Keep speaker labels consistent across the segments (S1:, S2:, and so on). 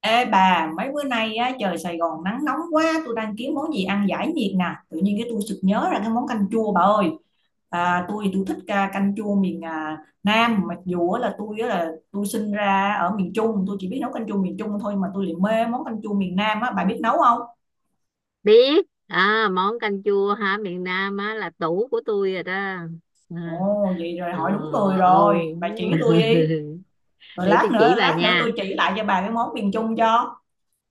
S1: Ê bà, mấy bữa nay á, trời Sài Gòn nắng nóng quá, tôi đang kiếm món gì ăn giải nhiệt nè. Tự nhiên cái tôi sực nhớ ra cái món canh chua bà ơi. Tôi thích canh chua miền Nam, mặc dù á là tôi sinh ra ở miền Trung, tôi chỉ biết nấu canh chua miền Trung thôi mà tôi lại mê món canh chua miền Nam á, bà biết nấu không?
S2: Biết. À, món canh chua hả miền Nam á là tủ của tôi rồi đó. À,
S1: Ồ, vậy rồi
S2: ờ,
S1: hỏi đúng người
S2: ừ.
S1: rồi, bà chỉ tôi đi. Rồi
S2: Để tôi chỉ bà
S1: lát nữa tôi
S2: nha.
S1: chỉ lại cho bà cái món miền Trung cho.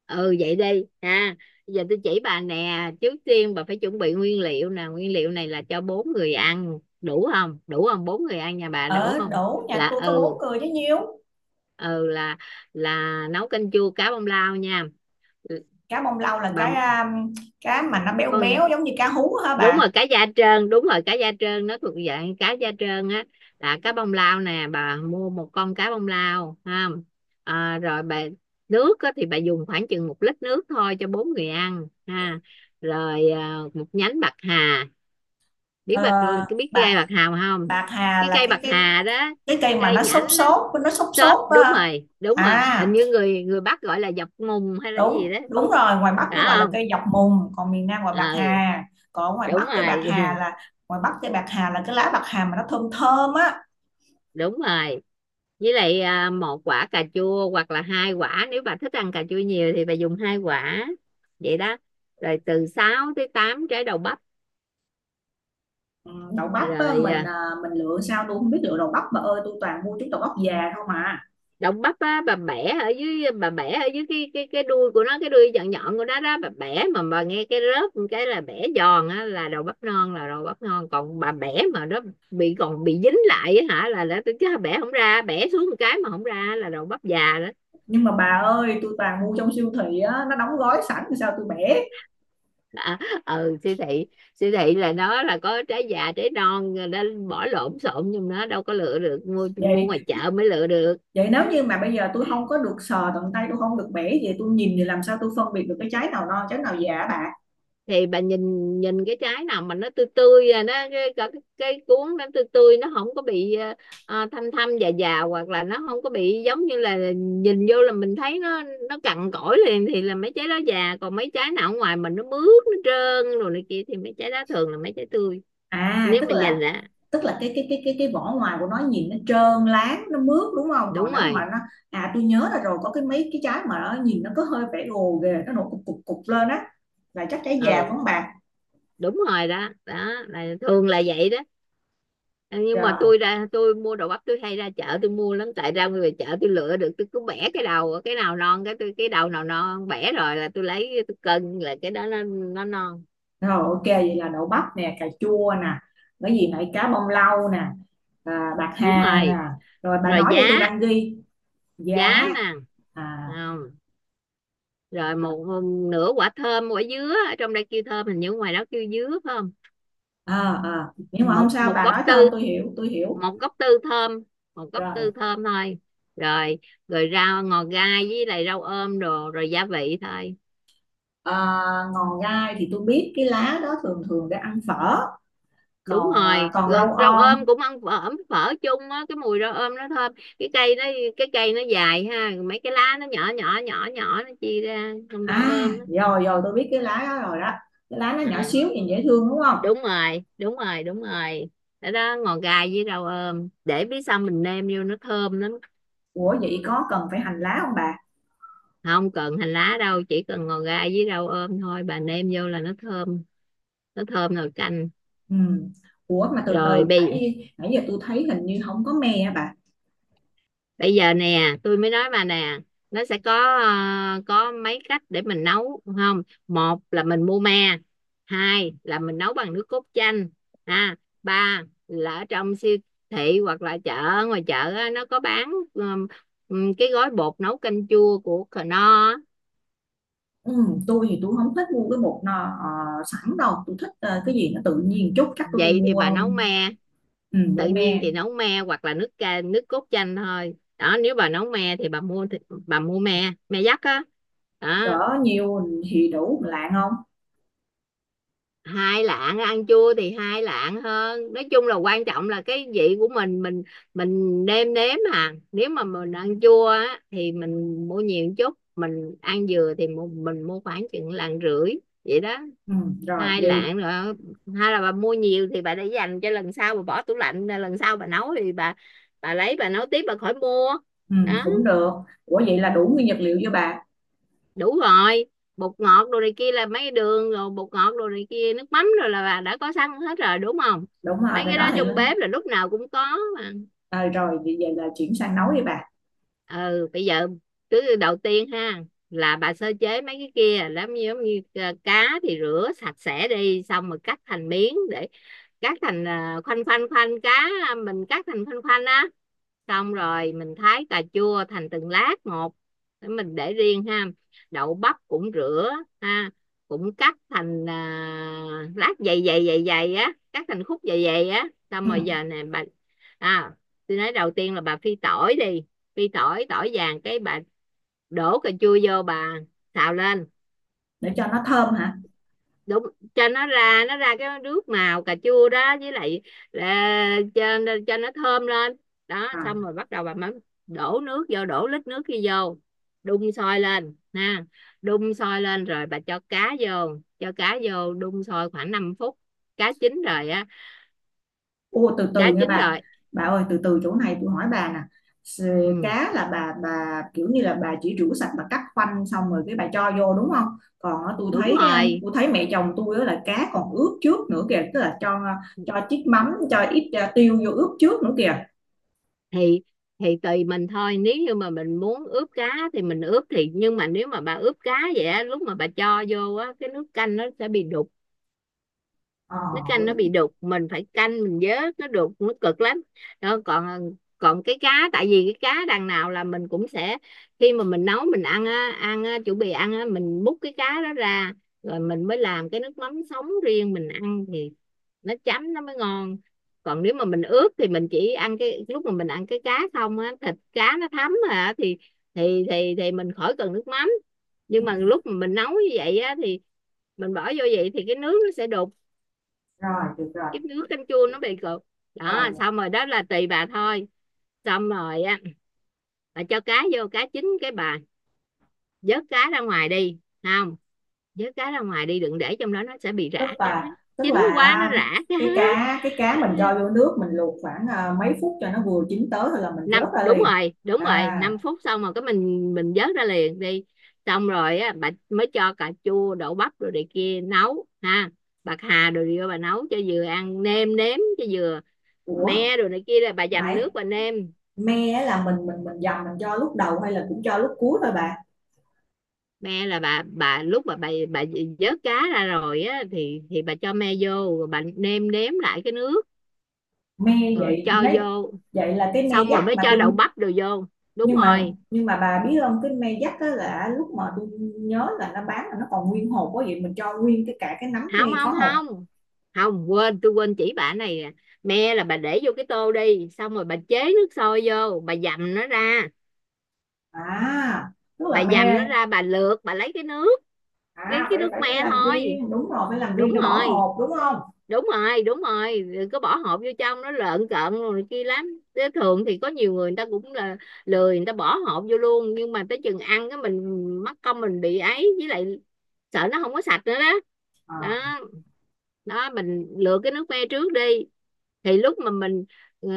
S2: Ừ, vậy đi ha. Giờ tôi chỉ bà nè. Trước tiên bà phải chuẩn bị nguyên liệu nè. Nguyên liệu này là cho bốn người ăn, đủ không? Đủ không? Bốn người ăn nhà bà đủ
S1: Ở
S2: không?
S1: đổ nhà
S2: là
S1: tôi có bốn
S2: ừ
S1: người chứ nhiêu.
S2: ừ là là nấu canh chua cá bông lau nha
S1: Cá bông lau là
S2: bà.
S1: cá cá mà nó béo
S2: Con
S1: béo giống như cá hú hả
S2: đúng
S1: bà?
S2: rồi, cá da trơn, đúng rồi cá da trơn, nó thuộc dạng cá da trơn á. Là cá bông lau nè. Bà mua một con cá bông lau ha. Rồi bà, nước thì bà dùng khoảng chừng 1 lít nước thôi cho bốn người ăn ha. Rồi một nhánh bạc hà. biết
S1: Ờ,
S2: bạc Biết cái cây
S1: bạc
S2: bạc hà không?
S1: bạc hà
S2: Cái
S1: là
S2: cây
S1: cái
S2: bạc
S1: cái
S2: hà đó,
S1: cái cây mà
S2: cây
S1: nó xốp
S2: nhãn á.
S1: xốp, nó xốp
S2: Xốp,
S1: xốp
S2: đúng
S1: á.
S2: rồi, đúng rồi. Hình
S1: à
S2: như người người Bắc gọi là dọc mùng hay là cái gì
S1: đúng
S2: đó,
S1: đúng rồi, ngoài Bắc
S2: phải
S1: nó gọi là
S2: không?
S1: cây dọc mùng, còn miền Nam gọi bạc
S2: Ừ,
S1: hà. Còn ở ngoài
S2: đúng
S1: Bắc cây bạc
S2: rồi.
S1: hà là, ngoài Bắc cây bạc hà là cái lá bạc hà mà nó thơm thơm á.
S2: Đúng rồi. Với lại một quả cà chua, hoặc là hai quả nếu bà thích ăn cà chua nhiều thì bà dùng hai quả, vậy đó. Rồi từ 6 tới 8 trái đậu bắp.
S1: Ừ, đậu bắp á,
S2: Rồi
S1: mình lựa sao tôi không biết lựa đậu bắp bà ơi, tôi toàn mua trúng đậu bắp già không à.
S2: đậu bắp bà bẻ ở dưới, bà bẻ ở dưới cái đuôi của nó, cái đuôi nhọn nhọn của nó đó. Bà bẻ mà bà nghe cái rớp một cái là bẻ giòn á, là đậu bắp non, là đậu bắp ngon. Còn bà bẻ mà nó bị, còn bị dính lại á hả, là chứ bẻ không ra, bẻ xuống một cái mà không ra là đậu bắp già đó.
S1: Nhưng mà bà ơi tôi toàn mua trong siêu thị á, nó đóng gói sẵn sao tôi bẻ?
S2: à, ừ, siêu thị, siêu thị là nó là có trái già trái non rồi đó, bỏ lộn xộn, nhưng nó đâu có lựa được. Mua mua
S1: Vậy
S2: ngoài chợ mới lựa được.
S1: Vậy nếu như mà bây giờ tôi không có được sờ tận tay, tôi không được bẻ gì, tôi nhìn thì làm sao tôi phân biệt được cái trái nào non trái nào già hả bà?
S2: Thì bà nhìn, nhìn cái trái nào mà nó tươi tươi, nó cái cuống nó tươi tươi, nó không có bị thâm thâm già già, hoặc là nó không có bị giống như là nhìn vô là mình thấy nó cằn cỗi liền thì là mấy trái đó già. Còn mấy trái nào ở ngoài mình nó mướt, nó trơn rồi này kia thì mấy trái đó thường là mấy trái tươi,
S1: À
S2: nếu
S1: tức
S2: mà nhìn
S1: là,
S2: là.
S1: cái vỏ ngoài của nó nhìn nó trơn láng nó mướt đúng không?
S2: Đúng
S1: Còn nếu mà
S2: rồi,
S1: nó, à tôi nhớ là rồi có cái mấy cái trái mà nó nhìn nó có hơi vẻ gồ ghề, nó nổi cục cục cục lên á, là chắc trái già phải
S2: ừ,
S1: không bà?
S2: đúng rồi đó. Đó là thường là vậy đó. Nhưng mà
S1: rồi
S2: tôi ra tôi mua đồ bắp tôi hay ra chợ tôi mua lắm, tại ra về chợ tôi lựa được, tôi cứ bẻ cái đầu cái nào non cái tôi, cái đầu nào non bẻ rồi là tôi lấy tôi cân, là cái đó nó non.
S1: rồi ok, vậy là đậu bắp nè, cà chua nè, cái gì nãy, cá bông lau nè, bạc
S2: Đúng
S1: hà nè.
S2: rồi.
S1: Rồi bà
S2: Rồi
S1: nói
S2: giá,
S1: đi tôi đang ghi.
S2: giá
S1: Giá.
S2: nè.
S1: à,
S2: Không, rồi một, một nửa quả thơm. Quả dứa ở trong đây kêu thơm, hình như ngoài đó kêu dứa phải không?
S1: À, nhưng mà không
S2: Một
S1: sao,
S2: một
S1: bà
S2: Cốc
S1: nói
S2: tư,
S1: thơm tôi hiểu tôi hiểu.
S2: một gốc tư thơm, một gốc tư
S1: Rồi
S2: thơm thôi. Rồi, rồi rau ngò gai với lại rau ôm đồ, rồi gia vị thôi.
S1: à, ngòn gai thì tôi biết, cái lá đó thường thường để ăn phở.
S2: Đúng
S1: Còn
S2: rồi.
S1: còn rau
S2: Rau ôm
S1: om.
S2: cũng ăn phở, ấm phở chung á, cái mùi rau ôm nó thơm. Cái cây nó, cái cây nó dài ha, mấy cái lá nó nhỏ nhỏ nhỏ nhỏ nó chia ra trong rau
S1: à
S2: ôm á.
S1: rồi rồi tôi biết cái lá đó rồi đó, cái lá nó
S2: Ờ,
S1: nhỏ xíu nhìn dễ thương đúng không?
S2: đúng rồi, đúng rồi, đúng rồi. Đó, đó ngò gai với rau ôm để biết xong mình nêm vô nó thơm lắm.
S1: Ủa vậy có cần phải hành lá không bà?
S2: Không cần hành lá đâu, chỉ cần ngò gai với rau ôm thôi, bà nêm vô là nó thơm, nó thơm nồi canh.
S1: Ừ. Ủa mà từ
S2: Rồi
S1: từ
S2: bây
S1: nãy nãy giờ tôi thấy hình như không có me á bà?
S2: bây giờ nè tôi mới nói bà nè. Nó sẽ có có mấy cách để mình nấu không. Một là mình mua me. Hai là mình nấu bằng nước cốt chanh ha. Ba là ở trong siêu thị hoặc là chợ, ngoài chợ nó có bán cái gói bột nấu canh chua của Knorr á.
S1: Ừ, tôi không thích mua cái bột nó ờ, sẵn đâu, tôi thích cái gì nó tự nhiên chút, chắc tôi đi
S2: Vậy thì bà
S1: mua.
S2: nấu me.
S1: Ừ, mua
S2: Tự nhiên
S1: me.
S2: thì nấu me hoặc là nước cốt chanh thôi đó. Nếu bà nấu me thì bà mua bà mua me, me dắt á đó.
S1: Cỡ nhiêu thì đủ lạng không?
S2: 2 lạng, ăn chua thì 2 lạng hơn, nói chung là quan trọng là cái vị của mình. Mình nêm nếm. À nếu mà mình ăn chua á thì mình mua nhiều một chút, mình ăn dừa thì mình mua khoảng chừng lạng rưỡi, vậy đó.
S1: Ừ, rồi
S2: hai
S1: vậy.
S2: lạng rồi, hay là bà mua nhiều thì bà để dành cho lần sau, bà bỏ tủ lạnh, lần sau bà nấu thì bà lấy bà nấu tiếp, bà khỏi mua.
S1: Ừ,
S2: Đó.
S1: cũng được. Ủa vậy là đủ nguyên vật liệu chưa bà?
S2: Đủ rồi. Bột ngọt đồ này kia, là mấy cái đường rồi bột ngọt đồ này kia nước mắm rồi là bà đã có sẵn hết rồi, đúng không?
S1: Đúng rồi,
S2: Mấy
S1: cái
S2: cái đó
S1: đó thì
S2: trong
S1: lên.
S2: bếp là lúc nào cũng có mà.
S1: Rồi vậy, vậy là chuyển sang nấu đi bà.
S2: Ừ, bây giờ cứ đầu tiên ha là bà sơ chế mấy cái kia, làm như giống như cá thì rửa sạch sẽ đi, xong rồi cắt thành miếng để, cắt thành khoanh, khoanh cá, mình cắt thành khoanh khoanh á. Xong rồi mình thái cà chua thành từng lát một, để mình để riêng ha. Đậu bắp cũng rửa ha, cũng cắt thành lát dày dày á, cắt thành khúc dày dày á. Xong
S1: Ừ,
S2: rồi giờ nè bà, à tôi nói đầu tiên là bà phi tỏi đi, phi tỏi, tỏi vàng cái bà đổ cà chua vô, bà xào lên.
S1: để cho nó thơm hả?
S2: Đúng, cho nó ra, nó ra cái nước màu cà chua đó, với lại là, cho nó thơm lên đó. Xong
S1: À,
S2: rồi bắt đầu bà mới đổ nước vô, đổ lít nước kia vô đun sôi lên ha, đun sôi lên rồi bà cho cá vô. Cho cá vô đun sôi khoảng 5 phút, cá chín rồi á.
S1: ô, từ
S2: Cá
S1: từ nha
S2: chín
S1: bà.
S2: rồi.
S1: Bà ơi từ từ, chỗ này tôi hỏi bà nè.
S2: Ừ,
S1: Cá là bà kiểu như là bà chỉ rửa sạch, bà cắt khoanh xong rồi cái bà cho vô đúng không? Còn á,
S2: đúng rồi.
S1: tôi thấy mẹ chồng tôi á là cá còn ướp trước nữa kìa, tức là cho chiếc mắm cho ít tiêu vô ướp trước nữa kìa.
S2: Thì tùy mình thôi, nếu như mà mình muốn ướp cá thì mình ướp thì, nhưng mà nếu mà bà ướp cá vậy á, lúc mà bà cho vô á cái nước canh nó sẽ bị đục.
S1: Ờ
S2: Nước canh
S1: đúng
S2: nó bị
S1: rồi.
S2: đục mình phải canh mình vớt, nó đục nó cực lắm. Đó, còn, còn cái cá tại vì cái cá đằng nào là mình cũng sẽ, khi mà mình nấu mình ăn á, chuẩn bị ăn á, mình múc cái cá đó ra, rồi mình mới làm cái nước mắm sống riêng mình ăn, thì nó chấm nó mới ngon. Còn nếu mà mình ướp thì mình chỉ ăn cái lúc mà mình ăn cái cá không á, thịt cá nó thấm, à thì mình khỏi cần nước mắm. Nhưng
S1: Ừ.
S2: mà lúc mà mình nấu như vậy á thì mình bỏ vô vậy thì cái nước nó sẽ đục,
S1: Rồi được rồi.
S2: cái nước canh chua nó bị cục.
S1: Rồi
S2: Đó, xong rồi đó là tùy bà thôi. Xong rồi á, bà cho cá vô, cá chín cái bà vớt cá ra ngoài đi, không vớt cá ra ngoài đi đừng để trong đó nó sẽ bị
S1: tức
S2: rã cá,
S1: là tức
S2: chín
S1: là
S2: quá nó rã cá.
S1: cái cá mình cho vô nước mình luộc khoảng mấy phút cho nó vừa chín tới rồi là mình
S2: Năm,
S1: vớt ra
S2: đúng
S1: liền.
S2: rồi, đúng rồi,
S1: À.
S2: 5 phút xong rồi cái mình, vớt ra liền đi. Xong rồi á bà mới cho cà chua, đậu bắp rồi này kia nấu ha, bạc hà rồi vô bà nấu cho vừa ăn, nêm nếm cho vừa,
S1: Ủa
S2: me rồi này kia là bà dầm
S1: nãy
S2: nước bà nêm.
S1: me á là mình dầm, mình cho lúc đầu hay là cũng cho lúc cuối thôi bà?
S2: Me là bà, lúc mà bà vớt cá ra rồi á thì bà cho me vô rồi bà nêm nếm lại cái nước,
S1: Me.
S2: rồi
S1: vậy
S2: cho
S1: nấy
S2: vô.
S1: vậy là cái me
S2: Xong rồi
S1: dắt
S2: mới
S1: mà
S2: cho
S1: tôi,
S2: đậu bắp đồ vô. Đúng
S1: nhưng mà
S2: rồi.
S1: nhưng mà bà biết không, cái me dắt á là lúc mà tôi nhớ là nó bán là nó còn nguyên hột quá, vậy mình cho nguyên cái cả cái nắm
S2: Không
S1: me có
S2: không
S1: hột.
S2: không Không, quên, tôi quên chỉ bà này nè. Me là bà để vô cái tô đi, xong rồi bà chế nước sôi vô bà dầm nó ra.
S1: À tức là
S2: Bà dầm nó
S1: me.
S2: ra, bà lượt bà lấy cái nước, cái
S1: À phải
S2: nước
S1: phải phải
S2: me
S1: làm
S2: thôi.
S1: riêng, đúng rồi, phải làm riêng
S2: Đúng
S1: cho bỏ
S2: rồi,
S1: hột đúng không?
S2: đúng rồi, đúng rồi, đừng có bỏ hộp vô trong nó lợn cợn rồi này kia lắm. Thế thường thì có nhiều người người ta cũng là lười, người ta bỏ hộp vô luôn, nhưng mà tới chừng ăn cái mình mất công mình bị ấy, với lại sợ nó không có sạch nữa đó.
S1: À.
S2: Đó, đó mình lựa cái nước me trước đi, thì lúc mà mình ờ,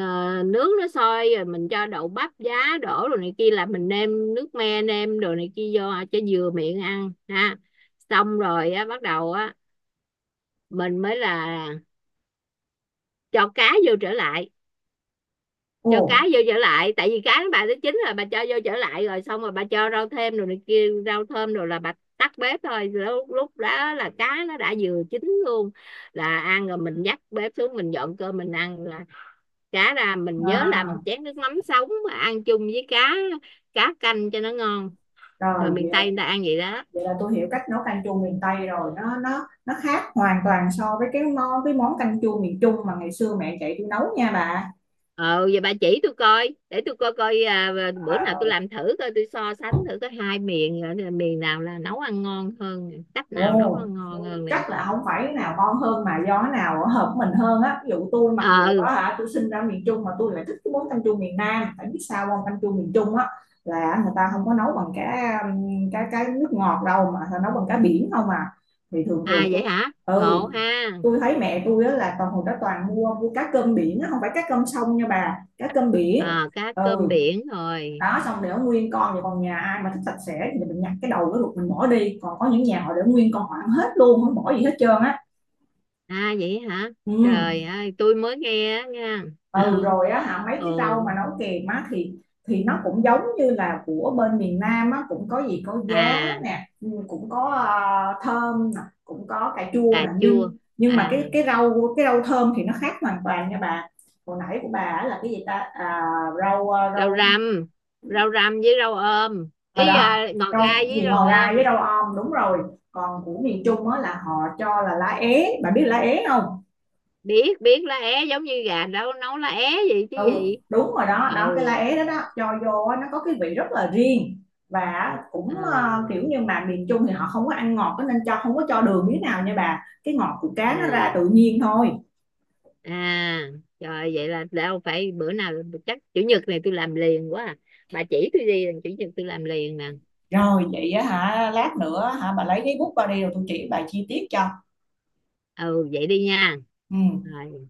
S2: nướng nó sôi rồi mình cho đậu bắp giá đổ rồi này kia, là mình nêm nước me nêm đồ này kia vô cho vừa miệng ăn ha. Xong rồi á bắt đầu á, mình mới là cho cá vô trở lại.
S1: Ồ.
S2: Cho cá vô trở lại tại vì cá bà tới chín rồi, bà cho vô trở lại rồi xong rồi bà cho rau thêm rồi này kia, rau thơm rồi là bà tắt bếp thôi. Lúc lúc đó là cá nó đã vừa chín luôn, là ăn rồi, mình dắt bếp xuống mình dọn cơm mình ăn là cá ra mình nhớ làm một
S1: À
S2: chén nước mắm sống mà ăn chung với cá, cá canh cho nó ngon.
S1: rồi
S2: Rồi miền Tây người ta ăn vậy đó.
S1: vậy là tôi hiểu cách nấu canh chua miền Tây rồi, nó khác hoàn toàn so với cái món canh chua miền Trung mà ngày xưa mẹ chạy tôi nấu nha bà.
S2: Ờ, vậy bà chỉ tôi coi để tôi coi coi bữa nào
S1: à,
S2: tôi làm thử coi, tôi so sánh thử có hai miền, miền nào là nấu ăn ngon hơn, cách nào nấu
S1: Ồ,
S2: ăn ngon hơn nè.
S1: chắc là không phải cái nào ngon hơn mà do cái nào hợp mình hơn á. Ví dụ tôi mặc
S2: Ờ.
S1: dù đó hả, tôi sinh ra miền Trung mà tôi lại thích cái món canh chua miền Nam. Tại biết sao không? Canh chua miền Trung á là người ta không có nấu bằng cái cái nước ngọt đâu mà người ta nấu bằng cá biển không à. Thì thường
S2: À
S1: thường
S2: vậy
S1: tôi,
S2: hả,
S1: ừ,
S2: ngộ ha.
S1: tôi thấy mẹ tôi á là toàn hồi đó toàn mua mua cá cơm biển á, không phải cá cơm sông nha bà, cá cơm biển.
S2: Ờ, cá cơm
S1: Ừ,
S2: biển rồi.
S1: đó xong để nguyên con, thì còn nhà ai mà thích sạch sẽ thì mình nhặt cái đầu cái ruột mình bỏ đi, còn có những nhà họ để nguyên con họ ăn hết luôn không bỏ gì hết trơn á.
S2: À vậy hả,
S1: Ừ.
S2: trời ơi tôi mới nghe á nha.
S1: Ừ rồi á hả, mấy
S2: Ừ.
S1: cái rau mà nấu kèm á thì nó cũng giống như là của bên miền Nam á, cũng có gì, có giá
S2: À.
S1: nè, cũng có thơm nè, cũng có cà chua
S2: Cà
S1: nè,
S2: chua.
S1: nhưng nhưng
S2: À.
S1: mà cái rau thơm thì nó khác hoàn toàn nha bà. Hồi nãy của bà á là cái gì ta, rau
S2: Rau
S1: rau.
S2: răm, với rau ôm
S1: Ờ,
S2: ý,
S1: đó,
S2: à ngò
S1: đâu
S2: gai với
S1: gì
S2: rau
S1: ngò gai với
S2: ôm.
S1: rau om đúng rồi. Còn của miền Trung mới là họ cho là lá é, bạn biết lá é không?
S2: Biết, biết lá é, giống như gà đâu nấu lá é gì chứ
S1: đúng
S2: gì.
S1: đúng rồi đó, đó
S2: Ừ.
S1: cái lá é đó đó, cho vô nó có cái vị rất là riêng. Và cũng kiểu
S2: À,
S1: như mà miền Trung thì họ không có ăn ngọt, nên cho không có cho đường miếng nào nha bà, cái ngọt của cá nó ra
S2: à,
S1: tự nhiên thôi.
S2: à, trời, vậy là đâu phải bữa nào, chắc chủ nhật này tôi làm liền quá à. Bà chỉ tôi đi, chủ nhật tôi làm liền nè.
S1: Rồi vậy hả, lát nữa hả bà lấy cái bút qua đi rồi tôi chỉ bà chi tiết cho.
S2: Ừ, vậy đi nha.
S1: Ừ.
S2: Rồi.